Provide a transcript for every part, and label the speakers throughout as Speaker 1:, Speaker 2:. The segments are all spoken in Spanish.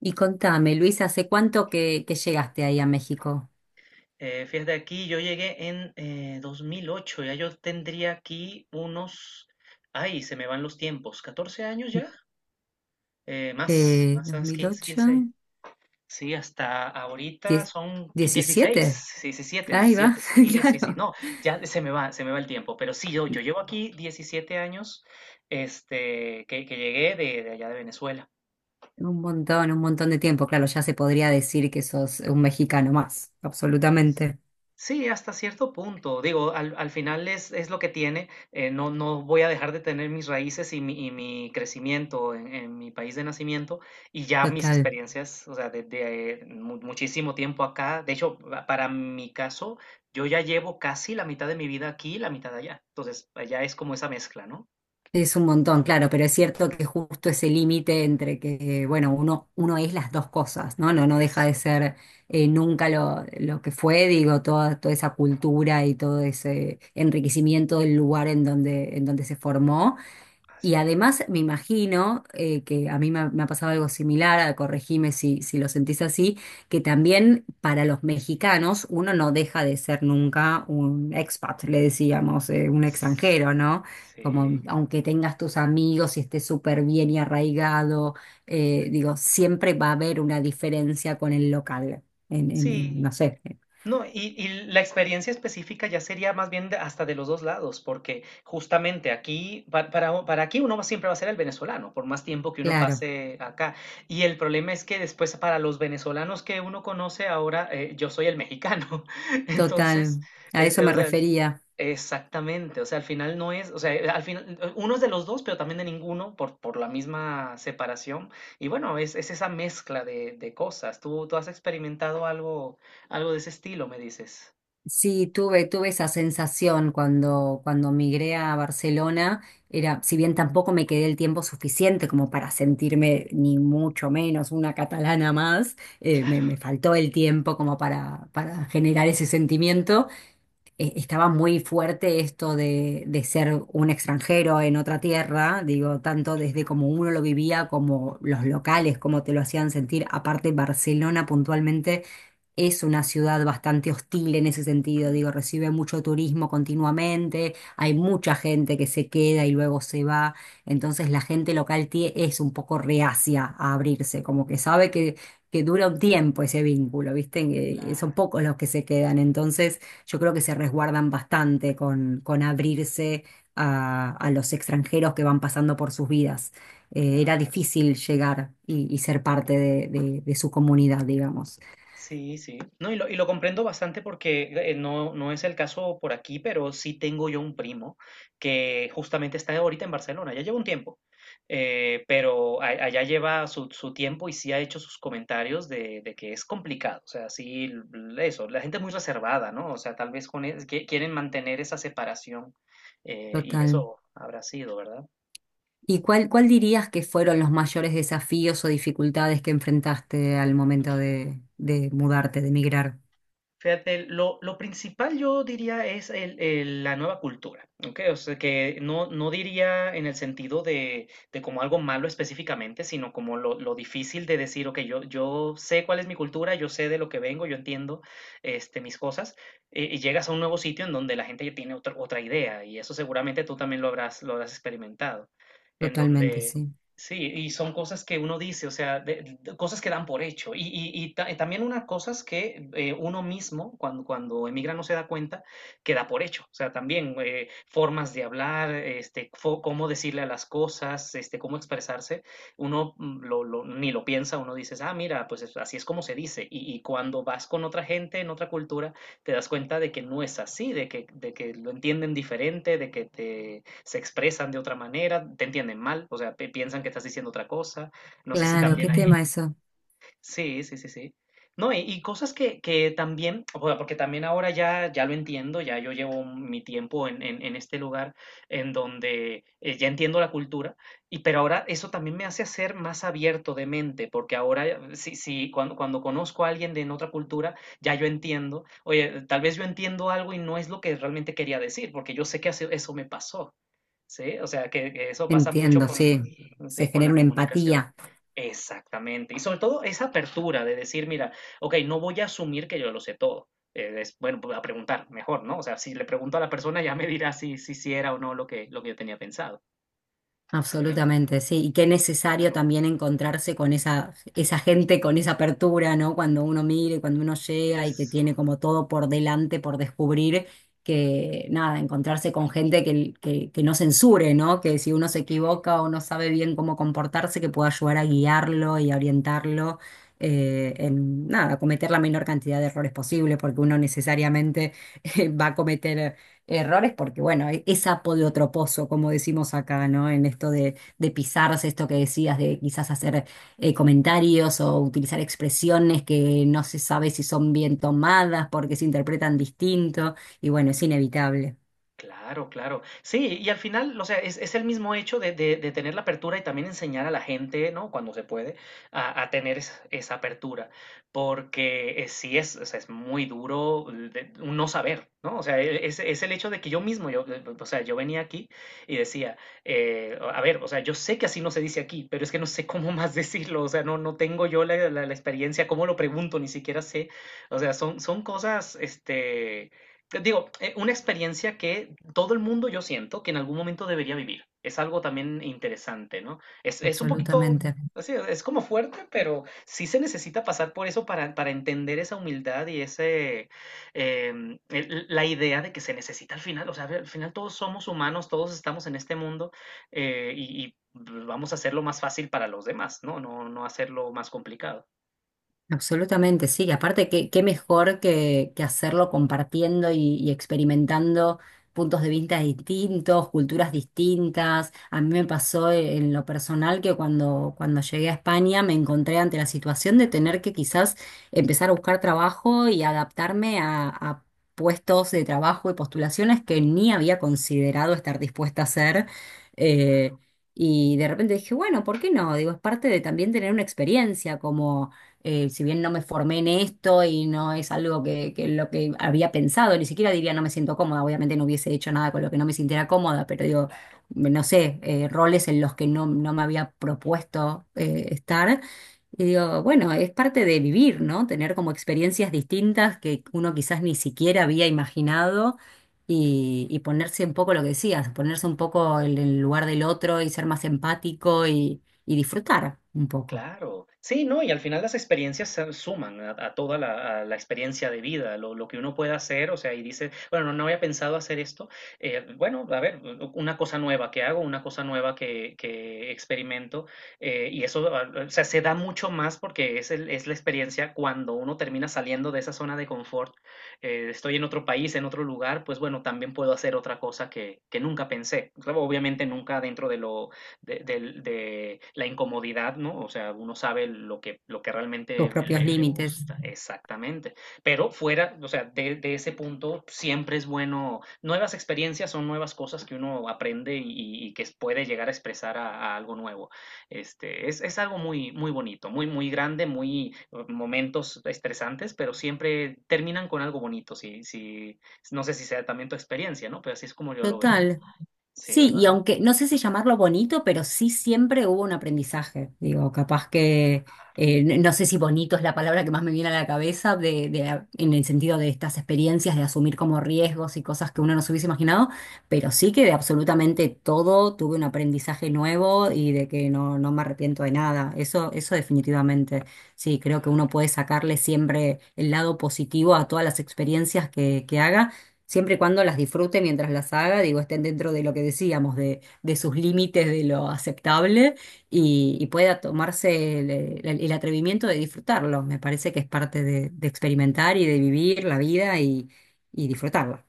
Speaker 1: Y contame, Luis, ¿hace cuánto que llegaste ahí a México?
Speaker 2: Fíjate, aquí yo llegué en 2008. Ya yo tendría aquí unos, ay, se me van los tiempos, 14 años ya, más, más,
Speaker 1: ¿Dos
Speaker 2: más
Speaker 1: mil
Speaker 2: 15
Speaker 1: ocho,
Speaker 2: sí, hasta ahorita
Speaker 1: ¿Diez-
Speaker 2: son 16,
Speaker 1: 17?
Speaker 2: sí, 17,
Speaker 1: Ahí va,
Speaker 2: sí, sí, sí,
Speaker 1: claro.
Speaker 2: no, ya se me va el tiempo, pero sí, yo llevo aquí 17 años, que llegué de allá, de Venezuela.
Speaker 1: Un montón de tiempo. Claro, ya se podría decir que sos un mexicano más, absolutamente.
Speaker 2: Sí, hasta cierto punto. Digo, al final es lo que tiene. No voy a dejar de tener mis raíces y y mi crecimiento en mi país de nacimiento, y ya mis
Speaker 1: Total.
Speaker 2: experiencias, o sea, desde muchísimo tiempo acá. De hecho, para mi caso, yo ya llevo casi la mitad de mi vida aquí y la mitad allá. Entonces, allá es como esa mezcla, ¿no?
Speaker 1: Es un montón, claro, pero es cierto que justo ese límite entre que, bueno, uno es las dos cosas, ¿no? No deja de
Speaker 2: Eso,
Speaker 1: ser nunca lo que fue, digo, toda esa cultura y todo ese enriquecimiento del lugar en donde se formó.
Speaker 2: así
Speaker 1: Y además
Speaker 2: es.
Speaker 1: me imagino que a mí me ha pasado algo similar, corregime si lo sentís así, que también para los mexicanos uno no deja de ser nunca un expat, le decíamos, un extranjero, ¿no?
Speaker 2: Sí,
Speaker 1: Como aunque tengas tus amigos y estés súper bien y arraigado, digo, siempre va a haber una diferencia con el local, en
Speaker 2: sí.
Speaker 1: no sé,
Speaker 2: No, y la experiencia específica ya sería más bien hasta de los dos lados, porque justamente aquí, para aquí uno siempre va a ser el venezolano, por más tiempo que uno
Speaker 1: claro,
Speaker 2: pase acá. Y el problema es que después para los venezolanos que uno conoce ahora, yo soy el mexicano. Entonces,
Speaker 1: total, a eso
Speaker 2: o
Speaker 1: me
Speaker 2: sea,
Speaker 1: refería.
Speaker 2: exactamente, o sea, al final no es, o sea, al final uno es de los dos, pero también de ninguno por la misma separación. Y bueno, es esa mezcla de cosas. ¿Tú, tú has experimentado algo? Algo de ese estilo, me dices.
Speaker 1: Sí, tuve, tuve esa sensación cuando migré a Barcelona. Era, si bien
Speaker 2: Sí,
Speaker 1: tampoco me quedé el tiempo suficiente como para sentirme ni mucho menos una catalana más,
Speaker 2: claro,
Speaker 1: me faltó el tiempo como para generar ese sentimiento, estaba muy fuerte esto de ser un extranjero en otra tierra, digo, tanto desde
Speaker 2: claro.
Speaker 1: como uno lo vivía, como los locales, como te lo hacían sentir. Aparte, Barcelona puntualmente es una ciudad bastante hostil en ese sentido,
Speaker 2: Mm,
Speaker 1: digo, recibe mucho turismo continuamente, hay mucha gente que se queda y luego se va, entonces la gente local es un poco reacia a abrirse, como que sabe que dura un tiempo ese vínculo, ¿viste? Que son
Speaker 2: claro,
Speaker 1: pocos los que se quedan, entonces yo creo que se resguardan bastante con abrirse a los extranjeros que van pasando por sus vidas. Era
Speaker 2: claro.
Speaker 1: difícil llegar y ser parte de, de su comunidad, digamos.
Speaker 2: Sí, sí. No, y lo comprendo bastante porque no, no es el caso por aquí, pero sí tengo yo un primo que justamente está ahorita en Barcelona, ya lleva un tiempo, pero allá lleva su, su tiempo y sí ha hecho sus comentarios de que es complicado, o sea, sí, eso, la gente es muy reservada, ¿no? O sea, tal vez con, quieren mantener esa separación, y
Speaker 1: Total.
Speaker 2: eso habrá sido, ¿verdad?
Speaker 1: ¿Y cuál, cuál dirías que fueron los mayores desafíos o dificultades que enfrentaste al momento de mudarte, de emigrar?
Speaker 2: Fíjate, lo principal yo diría es la nueva cultura, ¿ok? O sea, que no, no diría en el sentido de como algo malo específicamente, sino como lo difícil de decir, ok, yo sé cuál es mi cultura, yo sé de lo que vengo, yo entiendo, mis cosas, y llegas a un nuevo sitio en donde la gente ya tiene otra idea, y eso seguramente tú también lo habrás experimentado, en
Speaker 1: Totalmente,
Speaker 2: donde...
Speaker 1: sí.
Speaker 2: Sí, y son cosas que uno dice, o sea, cosas que dan por hecho. Y también unas cosas que uno mismo, cuando, cuando emigra, no se da cuenta que da por hecho. O sea, también formas de hablar, cómo decirle a las cosas, este, cómo expresarse. Uno ni lo piensa, uno dice, ah, mira, pues así es como se dice. Y cuando vas con otra gente en otra cultura, te das cuenta de que no es así, de que lo entienden diferente, de que te se expresan de otra manera, te entienden mal, o sea, piensan que estás diciendo otra cosa. No sé si
Speaker 1: Claro, qué
Speaker 2: también hay...
Speaker 1: tema eso.
Speaker 2: Sí, sí, sí, sí. No, y cosas que también, o sea, porque también ahora ya, ya lo entiendo, ya yo llevo mi tiempo en este lugar en donde ya entiendo la cultura, y pero ahora eso también me hace ser más abierto de mente, porque ahora sí, sí, cuando, cuando conozco a alguien de en otra cultura, ya yo entiendo, oye, tal vez yo entiendo algo y no es lo que realmente quería decir, porque yo sé que eso me pasó. Sí, o sea, que eso pasa mucho
Speaker 1: Entiendo,
Speaker 2: con,
Speaker 1: sí. Se
Speaker 2: ¿sí?, con
Speaker 1: genera
Speaker 2: la
Speaker 1: una
Speaker 2: comunicación.
Speaker 1: empatía.
Speaker 2: Exactamente. Y sobre todo esa apertura de decir, mira, ok, no voy a asumir que yo lo sé todo. Es, bueno, voy a preguntar mejor, ¿no? O sea, si le pregunto a la persona ya me dirá si, si, si era o no lo que, lo que yo tenía pensado. Sí,
Speaker 1: Absolutamente, sí, y qué necesario
Speaker 2: claro.
Speaker 1: también encontrarse con esa, esa gente, con esa apertura, ¿no? Cuando uno mira y cuando uno llega y que
Speaker 2: Eso.
Speaker 1: tiene como todo por delante, por descubrir, que nada, encontrarse con gente que no censure, ¿no? Que si uno se
Speaker 2: eh,
Speaker 1: equivoca o no sabe bien cómo comportarse, que pueda ayudar a guiarlo y a orientarlo nada, a cometer la menor cantidad de errores posible, porque uno necesariamente va a cometer errores, porque bueno, es sapo de otro pozo, como decimos acá, ¿no? En esto de pisarse, esto que decías, de quizás hacer comentarios o utilizar expresiones que no se sabe si son bien tomadas porque se interpretan distinto, y bueno, es inevitable,
Speaker 2: Claro, claro. Sí, y al final, o sea, es el mismo hecho de, de tener la apertura y también enseñar a la gente, ¿no? Cuando se puede, a tener esa apertura. Porque sí es, o sea, es muy duro un no saber, ¿no? O sea, es el hecho de que yo mismo, o sea, yo venía aquí y decía, a ver, o sea, yo sé que así no se dice aquí, pero es que no sé cómo más decirlo, o sea, no, no tengo yo la, la experiencia, cómo lo pregunto, ni siquiera sé. O sea, son, son cosas, digo, una experiencia que todo el mundo yo siento que en algún momento debería vivir. Es algo también interesante, ¿no? Es un poquito,
Speaker 1: absolutamente.
Speaker 2: así, es como fuerte, pero sí se necesita pasar por eso para entender esa humildad y ese, la idea de que se necesita al final. O sea, al final todos somos humanos, todos estamos en este mundo, y vamos a hacerlo más fácil para los demás, ¿no? No, no hacerlo más complicado.
Speaker 1: Absolutamente, sí. Aparte, qué, qué mejor que hacerlo compartiendo y experimentando puntos de vista distintos, culturas distintas. A mí me pasó en lo personal que cuando llegué a España me encontré ante la situación de tener que quizás empezar a buscar trabajo y adaptarme a puestos de trabajo y postulaciones que ni había considerado estar dispuesta a hacer. Eh, y de repente dije, bueno, ¿por qué no? Digo, es parte de también tener una experiencia como si bien no me formé en esto y no es algo que lo que había pensado, ni siquiera diría no me siento cómoda, obviamente no hubiese hecho nada con lo que no me sintiera cómoda, pero digo,
Speaker 2: Claro.
Speaker 1: no sé, roles en los que no me había propuesto estar. Y digo, bueno, es parte de vivir, ¿no? Tener como experiencias distintas que uno quizás ni siquiera había imaginado y ponerse un poco lo que decías, ponerse un poco en el lugar del otro y ser más empático y disfrutar un poco
Speaker 2: Claro, sí, ¿no? Y al final las experiencias se suman a toda la, a la experiencia de vida, lo que uno pueda hacer, o sea, y dice, bueno, no, no había pensado hacer esto, bueno, a ver, una cosa nueva que hago, una cosa nueva que experimento, y eso, ah, o sea, se da mucho más porque es, es la experiencia cuando uno termina saliendo de esa zona de confort. Estoy en otro país, en otro lugar, pues bueno, también puedo hacer otra cosa que nunca pensé, claro, obviamente nunca dentro de lo de la incomodidad, ¿no? O sea, uno sabe lo que
Speaker 1: tus
Speaker 2: realmente
Speaker 1: propios
Speaker 2: le, le
Speaker 1: límites.
Speaker 2: gusta, exactamente. Pero fuera, o sea, ese punto siempre es bueno, nuevas experiencias son nuevas cosas que uno aprende y que puede llegar a expresar a algo nuevo. Es, es algo muy, muy bonito, muy, muy grande, muy momentos estresantes, pero siempre terminan con algo bonito, si, si, no sé si sea también tu experiencia, ¿no? Pero así es como yo lo veo.
Speaker 1: Total.
Speaker 2: Sí,
Speaker 1: Sí,
Speaker 2: ¿verdad?
Speaker 1: y aunque no sé si llamarlo bonito, pero sí siempre hubo un aprendizaje. Digo, capaz que, no sé si bonito es la palabra que más me viene a la cabeza de, en el sentido de estas experiencias, de asumir como riesgos y cosas que uno no se hubiese imaginado, pero sí que de absolutamente todo tuve un aprendizaje nuevo y de que no, no me arrepiento de nada. Eso definitivamente. Sí, creo que uno puede sacarle siempre el lado positivo a todas las experiencias que haga siempre y cuando las disfrute mientras las haga, digo, estén dentro de lo que decíamos, de sus límites, de lo aceptable y pueda tomarse el, el atrevimiento de disfrutarlo. Me parece que es parte de experimentar y de vivir la vida y disfrutarla.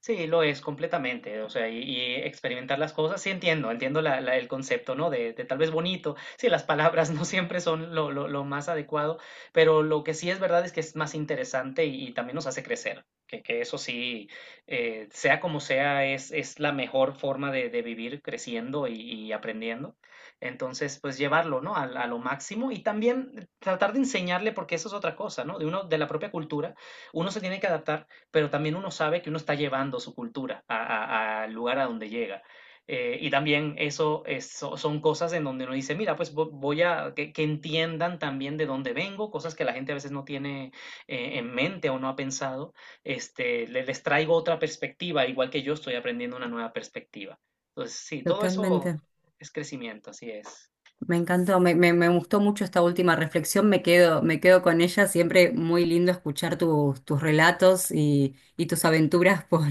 Speaker 2: Sí, lo es completamente, o sea, y experimentar las cosas, sí entiendo, entiendo el concepto, ¿no? De tal vez bonito, sí, las palabras no siempre son lo, lo más adecuado, pero lo que sí es verdad es que es más interesante y también nos hace crecer, que eso sí, sea como sea, es la mejor forma de vivir creciendo y aprendiendo. Entonces, pues llevarlo, ¿no? A lo máximo y también tratar de enseñarle, porque eso es otra cosa, ¿no? De uno, de la propia cultura, uno se tiene que adaptar, pero también uno sabe que uno está llevando su cultura al lugar a donde llega. Y también eso son cosas en donde uno dice, mira, pues voy a que entiendan también de dónde vengo, cosas que la gente a veces no tiene en mente o no ha pensado. Les traigo otra perspectiva, igual que yo estoy aprendiendo una nueva perspectiva. Entonces, sí, todo eso
Speaker 1: Totalmente.
Speaker 2: es crecimiento, así es.
Speaker 1: Me encantó, me gustó mucho esta última reflexión, me quedo con ella, siempre muy lindo escuchar tus, tus relatos y tus aventuras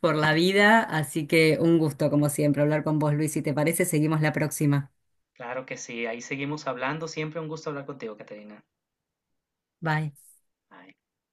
Speaker 1: por la vida, así que un gusto como siempre hablar con vos, Luis, si te parece, seguimos la próxima.
Speaker 2: Claro que sí, ahí seguimos hablando. Siempre un gusto hablar contigo, Caterina.
Speaker 1: Bye.
Speaker 2: Ay.